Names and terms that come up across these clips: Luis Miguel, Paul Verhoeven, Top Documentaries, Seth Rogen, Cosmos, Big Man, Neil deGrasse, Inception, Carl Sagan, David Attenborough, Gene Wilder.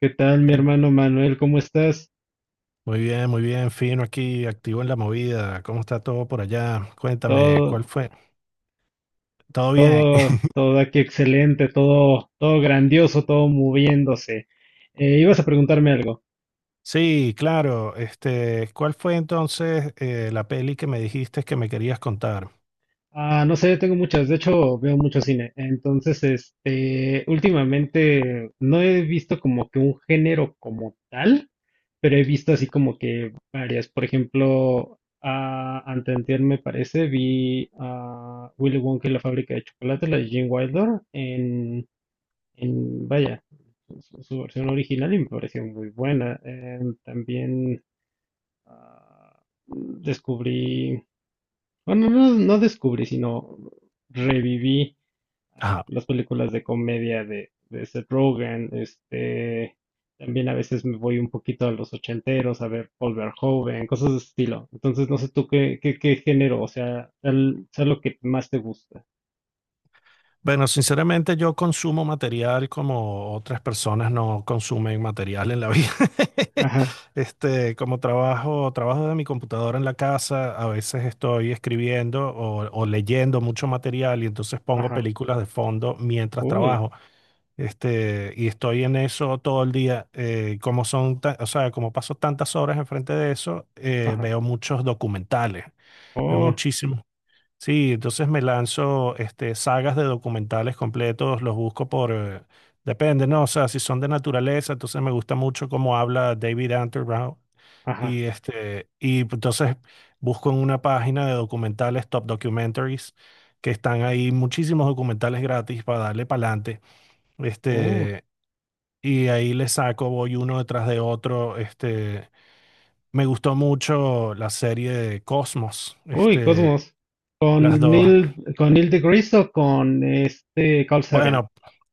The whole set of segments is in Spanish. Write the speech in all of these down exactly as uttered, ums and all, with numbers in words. ¿Qué tal, mi Eh, hermano Manuel? ¿Cómo estás? Muy bien, muy bien, fino aquí, activo en la movida. ¿Cómo está todo por allá? Cuéntame, ¿cuál Todo, fue? ¿Todo bien? todo, todo aquí excelente, todo, todo grandioso, todo moviéndose. Eh, ibas a preguntarme algo. Sí, claro. Este, ¿cuál fue entonces eh, la peli que me dijiste que me querías contar? Ah, no sé, tengo muchas, de hecho veo mucho cine. Entonces, este, últimamente no he visto como que un género como tal, pero he visto así como que varias. Por ejemplo, ah, anteantier me parece, vi a Willy Wonka y la fábrica de chocolate, la de Gene Wilder, en en, vaya, su, su versión original y me pareció muy buena. Eh, también ah, descubrí, bueno, no, no descubrí, sino reviví ah, Ajá. las películas de comedia de, de Seth Rogen. Este, también a veces me voy un poquito a los ochenteros a ver Paul Verhoeven, cosas de ese estilo. Entonces, no sé tú qué, qué, qué género, o sea, tal, sea lo que más te gusta. Bueno, sinceramente yo consumo material como otras personas no consumen material en la vida. Ajá, Este, como trabajo, trabajo de mi computadora en la casa, a veces estoy escribiendo o, o leyendo mucho material y entonces pongo ajá, películas de fondo mientras uy, trabajo. Este, y estoy en eso todo el día. Eh, como son, ta- o sea, como paso tantas horas enfrente de eso, eh, ajá, veo muchos documentales, veo oh, muchísimos. Sí, entonces me lanzo este, sagas de documentales completos, los busco por, eh, depende, ¿no? O sea, si son de naturaleza, entonces me gusta mucho cómo habla David Attenborough. ajá, Y este, y entonces busco en una página de documentales, Top Documentaries, que están ahí muchísimos documentales gratis para darle para adelante. oh. Y ahí le saco, voy uno detrás de otro. Este, me gustó mucho la serie de Cosmos. Uy, Este, Cosmos. las Con dos. Neil, con Neil deGrasse o con este Carl Sagan. Bueno,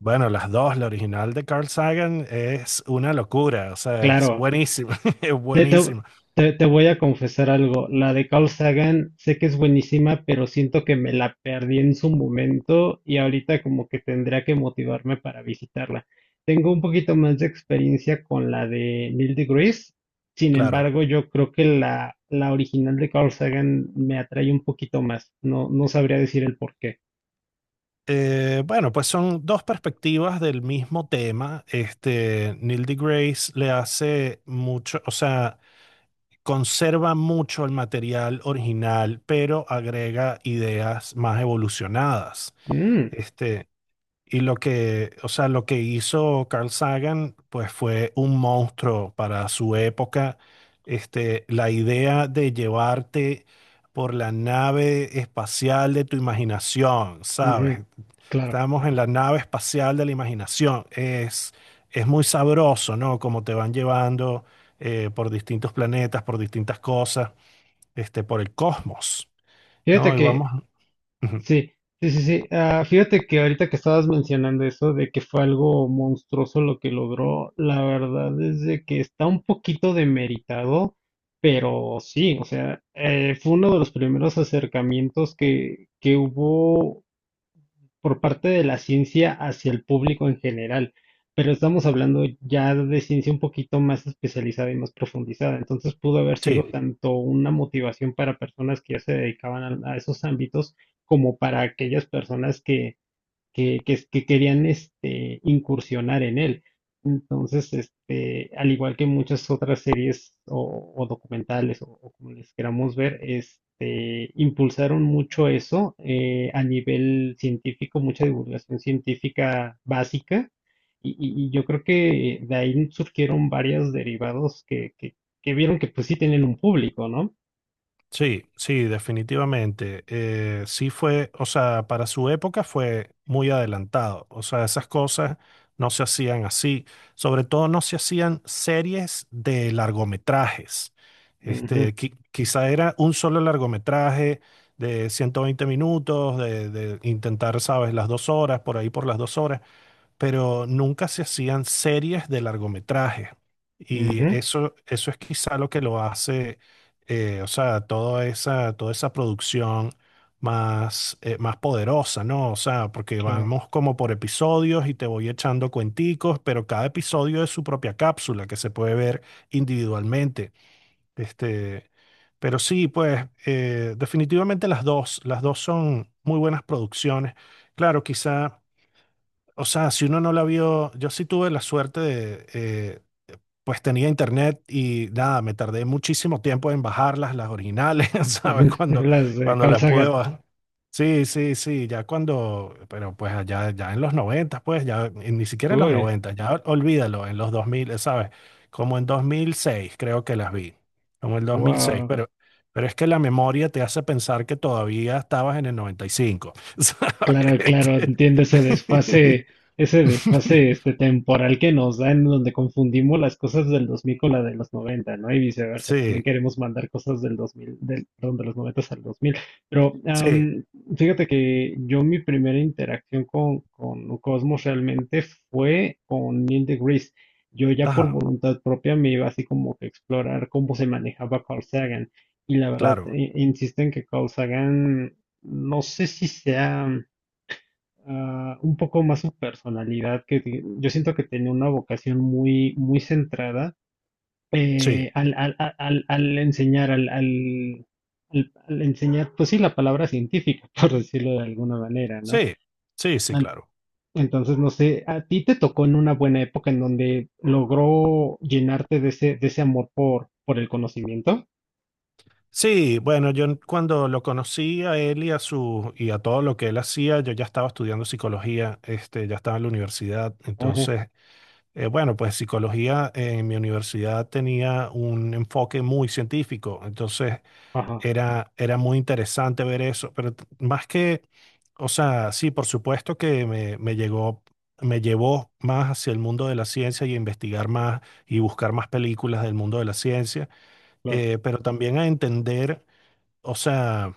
bueno, las dos, la original de Carl Sagan es una locura. O sea, es Claro. buenísima. Es Te, te- buenísima. Te- te voy a confesar algo. La de Carl Sagan sé que es buenísima, pero siento que me la perdí en su momento y ahorita como que tendría que motivarme para visitarla. Tengo un poquito más de experiencia con la de Neil deGrasse. Sin Claro. embargo, yo creo que la, la original de Carl Sagan me atrae un poquito más. No, no sabría decir el por qué. Eh, bueno, pues son dos perspectivas del mismo tema. Este, Neil deGrasse le hace mucho, o sea, conserva mucho el material original, pero agrega ideas más evolucionadas. Mm, Este, y lo que, o sea, lo que hizo Carl Sagan, pues fue un monstruo para su época. Este, la idea de llevarte por la nave espacial de tu imaginación, ¿sabes? ujú, claro. Estamos en la nave espacial de la imaginación. Es, es muy sabroso, ¿no? Como te van llevando eh, por distintos planetas, por distintas cosas, este, por el cosmos, Fíjate ¿no? Y que, vamos. Ujú. sí, sí, sí, sí. Ah, fíjate que ahorita que estabas mencionando eso de que fue algo monstruoso lo que logró, la verdad es de que está un poquito demeritado, pero sí, o sea, eh, fue uno de los primeros acercamientos que, que hubo por parte de la ciencia hacia el público en general, pero estamos hablando ya de ciencia un poquito más especializada y más profundizada, entonces pudo haber sido Sí. tanto una motivación para personas que ya se dedicaban a, a esos ámbitos como para aquellas personas que que, que, que querían este, incursionar en él. Entonces, este, al igual que muchas otras series o, o documentales o, o como les queramos ver, este, impulsaron mucho eso eh, a nivel científico, mucha divulgación científica básica. Y, y- y yo creo que de ahí surgieron varios derivados que, que, que vieron que pues sí tienen un público, ¿no? Sí, sí, definitivamente. Eh, sí fue, o sea, para su época fue muy adelantado. O sea, esas cosas no se hacían así. Sobre todo no se hacían series de largometrajes. Ujú, Este, qui- quizá era un solo largometraje de ciento veinte minutos, de, de intentar, sabes, las dos horas, por ahí por las dos horas, pero nunca se hacían series de largometraje. Y ujú, eso, eso es quizá lo que lo hace, eh, o sea, toda esa, toda esa producción más, eh, más poderosa, ¿no? O sea, porque claro. vamos como por episodios y te voy echando cuenticos, pero cada episodio es su propia cápsula que se puede ver individualmente. Este, pero sí, pues, eh, definitivamente las dos, las dos son muy buenas producciones. Claro, quizá. O sea, si uno no la vio, yo sí tuve la suerte de, eh, pues tenía internet y nada, me tardé muchísimo tiempo en bajarlas, las originales, ¿sabes? Cuando, Las de cuando Carl las pude Sagan. bajar. Sí, sí, sí, ya cuando, pero pues allá, ya en los noventa pues ya, y ni siquiera en los Uy, noventa, ya ol- olvídalo, en los dos mil, ¿sabes? Como en dos mil seis creo que las vi, como en dos mil seis, wow. pero, pero es que la memoria te hace pensar que todavía estabas en el noventa y cinco, ¿sabes? Claro, claro, entiendo ese desfase, ese desfase este temporal que nos da en donde confundimos las cosas del dos mil con la de los noventa, ¿no? Y viceversa, también Sí, queremos mandar cosas del dos mil, del, perdón, de los noventa al dos mil. Pero sí, am, fíjate que yo mi primera interacción con, con Cosmos realmente fue con Neil deGrasse. Yo ya por ajá, voluntad propia me iba así como que a explorar cómo se manejaba Carl Sagan. Y la verdad, claro, eh, insisto en que Carl Sagan, no sé si sea ah, un poco más su personalidad, que ti- yo siento que tenía una vocación muy, muy centrada sí, eh, al, al- al- al- al enseñar, al, al- al- al enseñar, pues sí, la palabra científica, por decirlo de alguna manera, ¿no? sí, sí, sí, An- claro. Entonces, no sé, a ti te tocó en una buena época en donde logró llenarte de ese, de ese amor por, por el conocimiento. Sí, bueno, yo n- cuando lo conocí a él y a su y a todo lo que él hacía, yo ya estaba estudiando psicología, este, ya estaba en la universidad. Ajá, Entonces, eh, bueno, pues psicología eh, en mi universidad tenía un enfoque muy científico. Entonces, ajá, era, era muy interesante ver eso. Pero t- más que o sea, sí, por supuesto que me, me llegó, me llevó más hacia el mundo de la ciencia y a investigar más y buscar más películas del mundo de la ciencia, claro, eh, pero también a entender, o sea,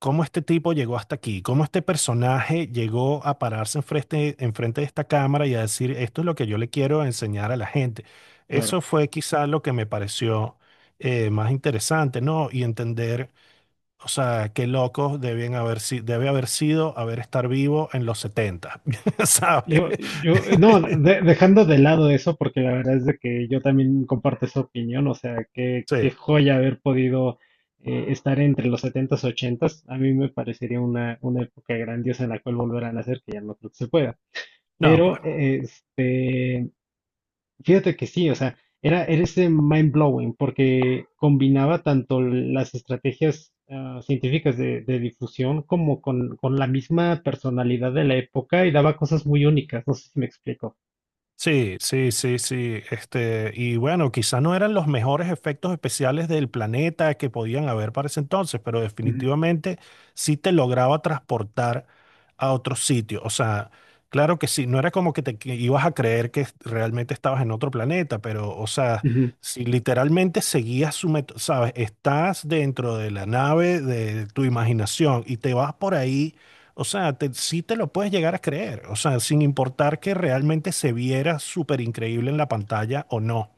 cómo este tipo llegó hasta aquí, cómo este personaje llegó a pararse enfrente, enfrente de esta cámara y a decir, esto es lo que yo le quiero enseñar a la gente. claro. Eso fue quizá lo que me pareció eh, más interesante, ¿no? Y entender o sea, qué locos deben haber, si- debe haber sido haber estar vivo en los setenta, ¿sabes? Yo, yo, no, de- dejando de lado eso, porque la verdad es de que yo también comparto esa opinión, o sea, qué, qué Sí, joya haber podido eh, estar entre los setentas ochentas a mí me parecería una, una época grandiosa en la cual volver a nacer, que ya no creo que se pueda. no, pues, Este, fíjate que sí, o sea, era, era ese mind blowing, porque combinaba tanto las estrategias ah, científicas de, de difusión como con, con la misma personalidad de la época y daba cosas muy únicas, no sé si me explico. sí, sí, sí, sí. Este, y bueno, quizá no eran los mejores efectos especiales del planeta que podían haber para ese entonces, pero Ujú, definitivamente sí te lograba transportar a otro sitio. O sea, claro que sí, no era como que te que ibas a creer que realmente estabas en otro planeta, pero, o sea, ujú, si literalmente seguías su método, sabes, estás dentro de la nave de tu imaginación y te vas por ahí, o sea, te- sí te lo puedes llegar a creer, o sea, sin importar que realmente se viera súper increíble en la pantalla o no.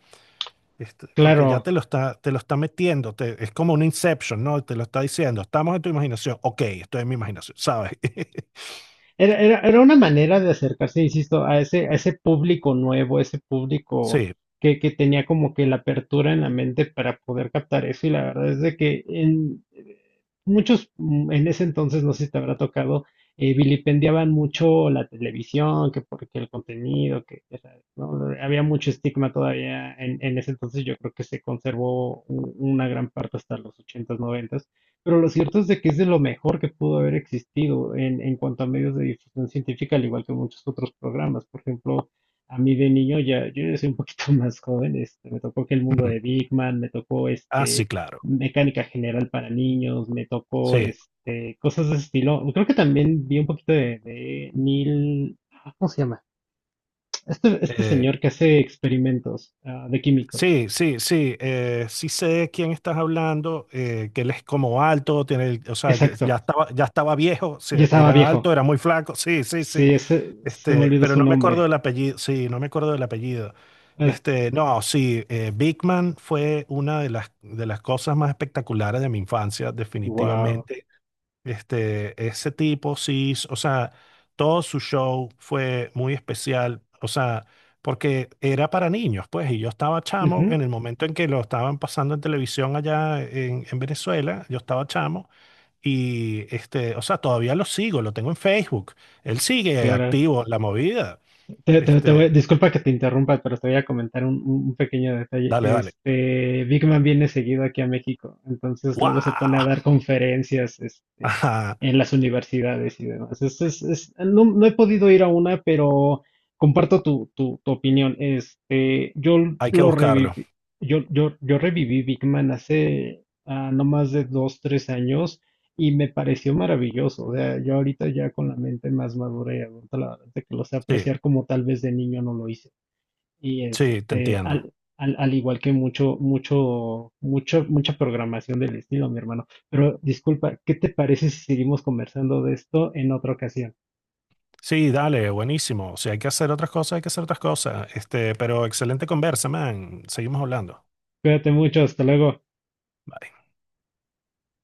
Este, porque ya claro, te lo está, te lo está metiendo, te- es como un Inception, ¿no? Te lo está diciendo, estamos en tu imaginación, ok, estoy en mi imaginación, ¿sabes? era, era, era una manera de acercarse, insisto, a ese, a ese público nuevo, ese público Sí, que, que tenía como que la apertura en la mente para poder captar eso. Y la verdad es de que en, eh, muchos, mm, en ese entonces, no sé si te habrá tocado, eh, vilipendiaban mucho la televisión, que porque el contenido, que ya sabes, ¿no? Había mucho estigma todavía en, en ese entonces, yo creo que se conservó u- una gran parte hasta los ochentas noventas. Pero lo cierto es de que es de lo mejor que pudo haber existido en, en cuanto a medios de difusión científica, al igual que muchos otros programas. Por ejemplo, a mí de niño, ya, yo ya soy un poquito más joven, este, me tocó que el mundo mm, de Big Man, me tocó ah, sí, este, claro, mecánica general para niños, me tocó sí, este, cosas de ese estilo. Creo que también vi un poquito de, de Neil, ah, ¿cómo se llama? Este, este eh, señor que hace experimentos ah, de químicos. sí, sí, sí, eh, sí sé de quién estás hablando, eh, que él es como alto, tiene, el- o sea, ya, Exacto. ya estaba, ya estaba viejo, sí, Ya estaba era viejo. alto, era muy flaco, sí, sí, sí. Sí, ese, se me Este, olvidó pero su no me acuerdo nombre. del apellido, sí, no me acuerdo del apellido. Bueno, Este, no, sí, eh, Big Man fue una de las, de las cosas más espectaculares de mi infancia, wow. definitivamente. Este, ese tipo, sí, s- o sea, todo su show fue muy especial, o sea, porque era para niños, pues, y yo estaba chamo Ujú, en el momento en que lo estaban pasando en televisión allá en, en Venezuela, yo estaba chamo. Y este, o sea, todavía lo sigo, lo tengo en Facebook. Él sigue claro. activo en la movida. Te- te- te voy- Este, Disculpa que te interrumpa, pero te voy a comentar un, un- un pequeño detalle. dale, dale. Este, Big Man viene seguido aquí a México, entonces luego se pone a ¡Wow! dar conferencias, este, Ajá, en las universidades y demás. Es- es- es- no, no he podido ir a una, pero comparto tu, tu, tu opinión. Este, yo hay que lo buscarlo. reviví, yo, yo, yo reviví Big Man hace ah, no más de dos, tres años. Y me pareció maravilloso. O sea, yo ahorita ya con la mente más madura y adulta, la verdad es que lo sé Sí, apreciar como tal vez de niño no lo hice. Y sí, te este, entiendo. al, al, al igual que mucho, mucho, mucho, mucha programación del estilo, mi hermano. Pero disculpa, ¿qué te parece si seguimos conversando de esto en otra ocasión? Sí, dale, buenísimo. Si hay que hacer otras cosas, hay que hacer otras cosas. Este, pero excelente conversa, man. Seguimos hablando. Cuídate mucho, hasta luego.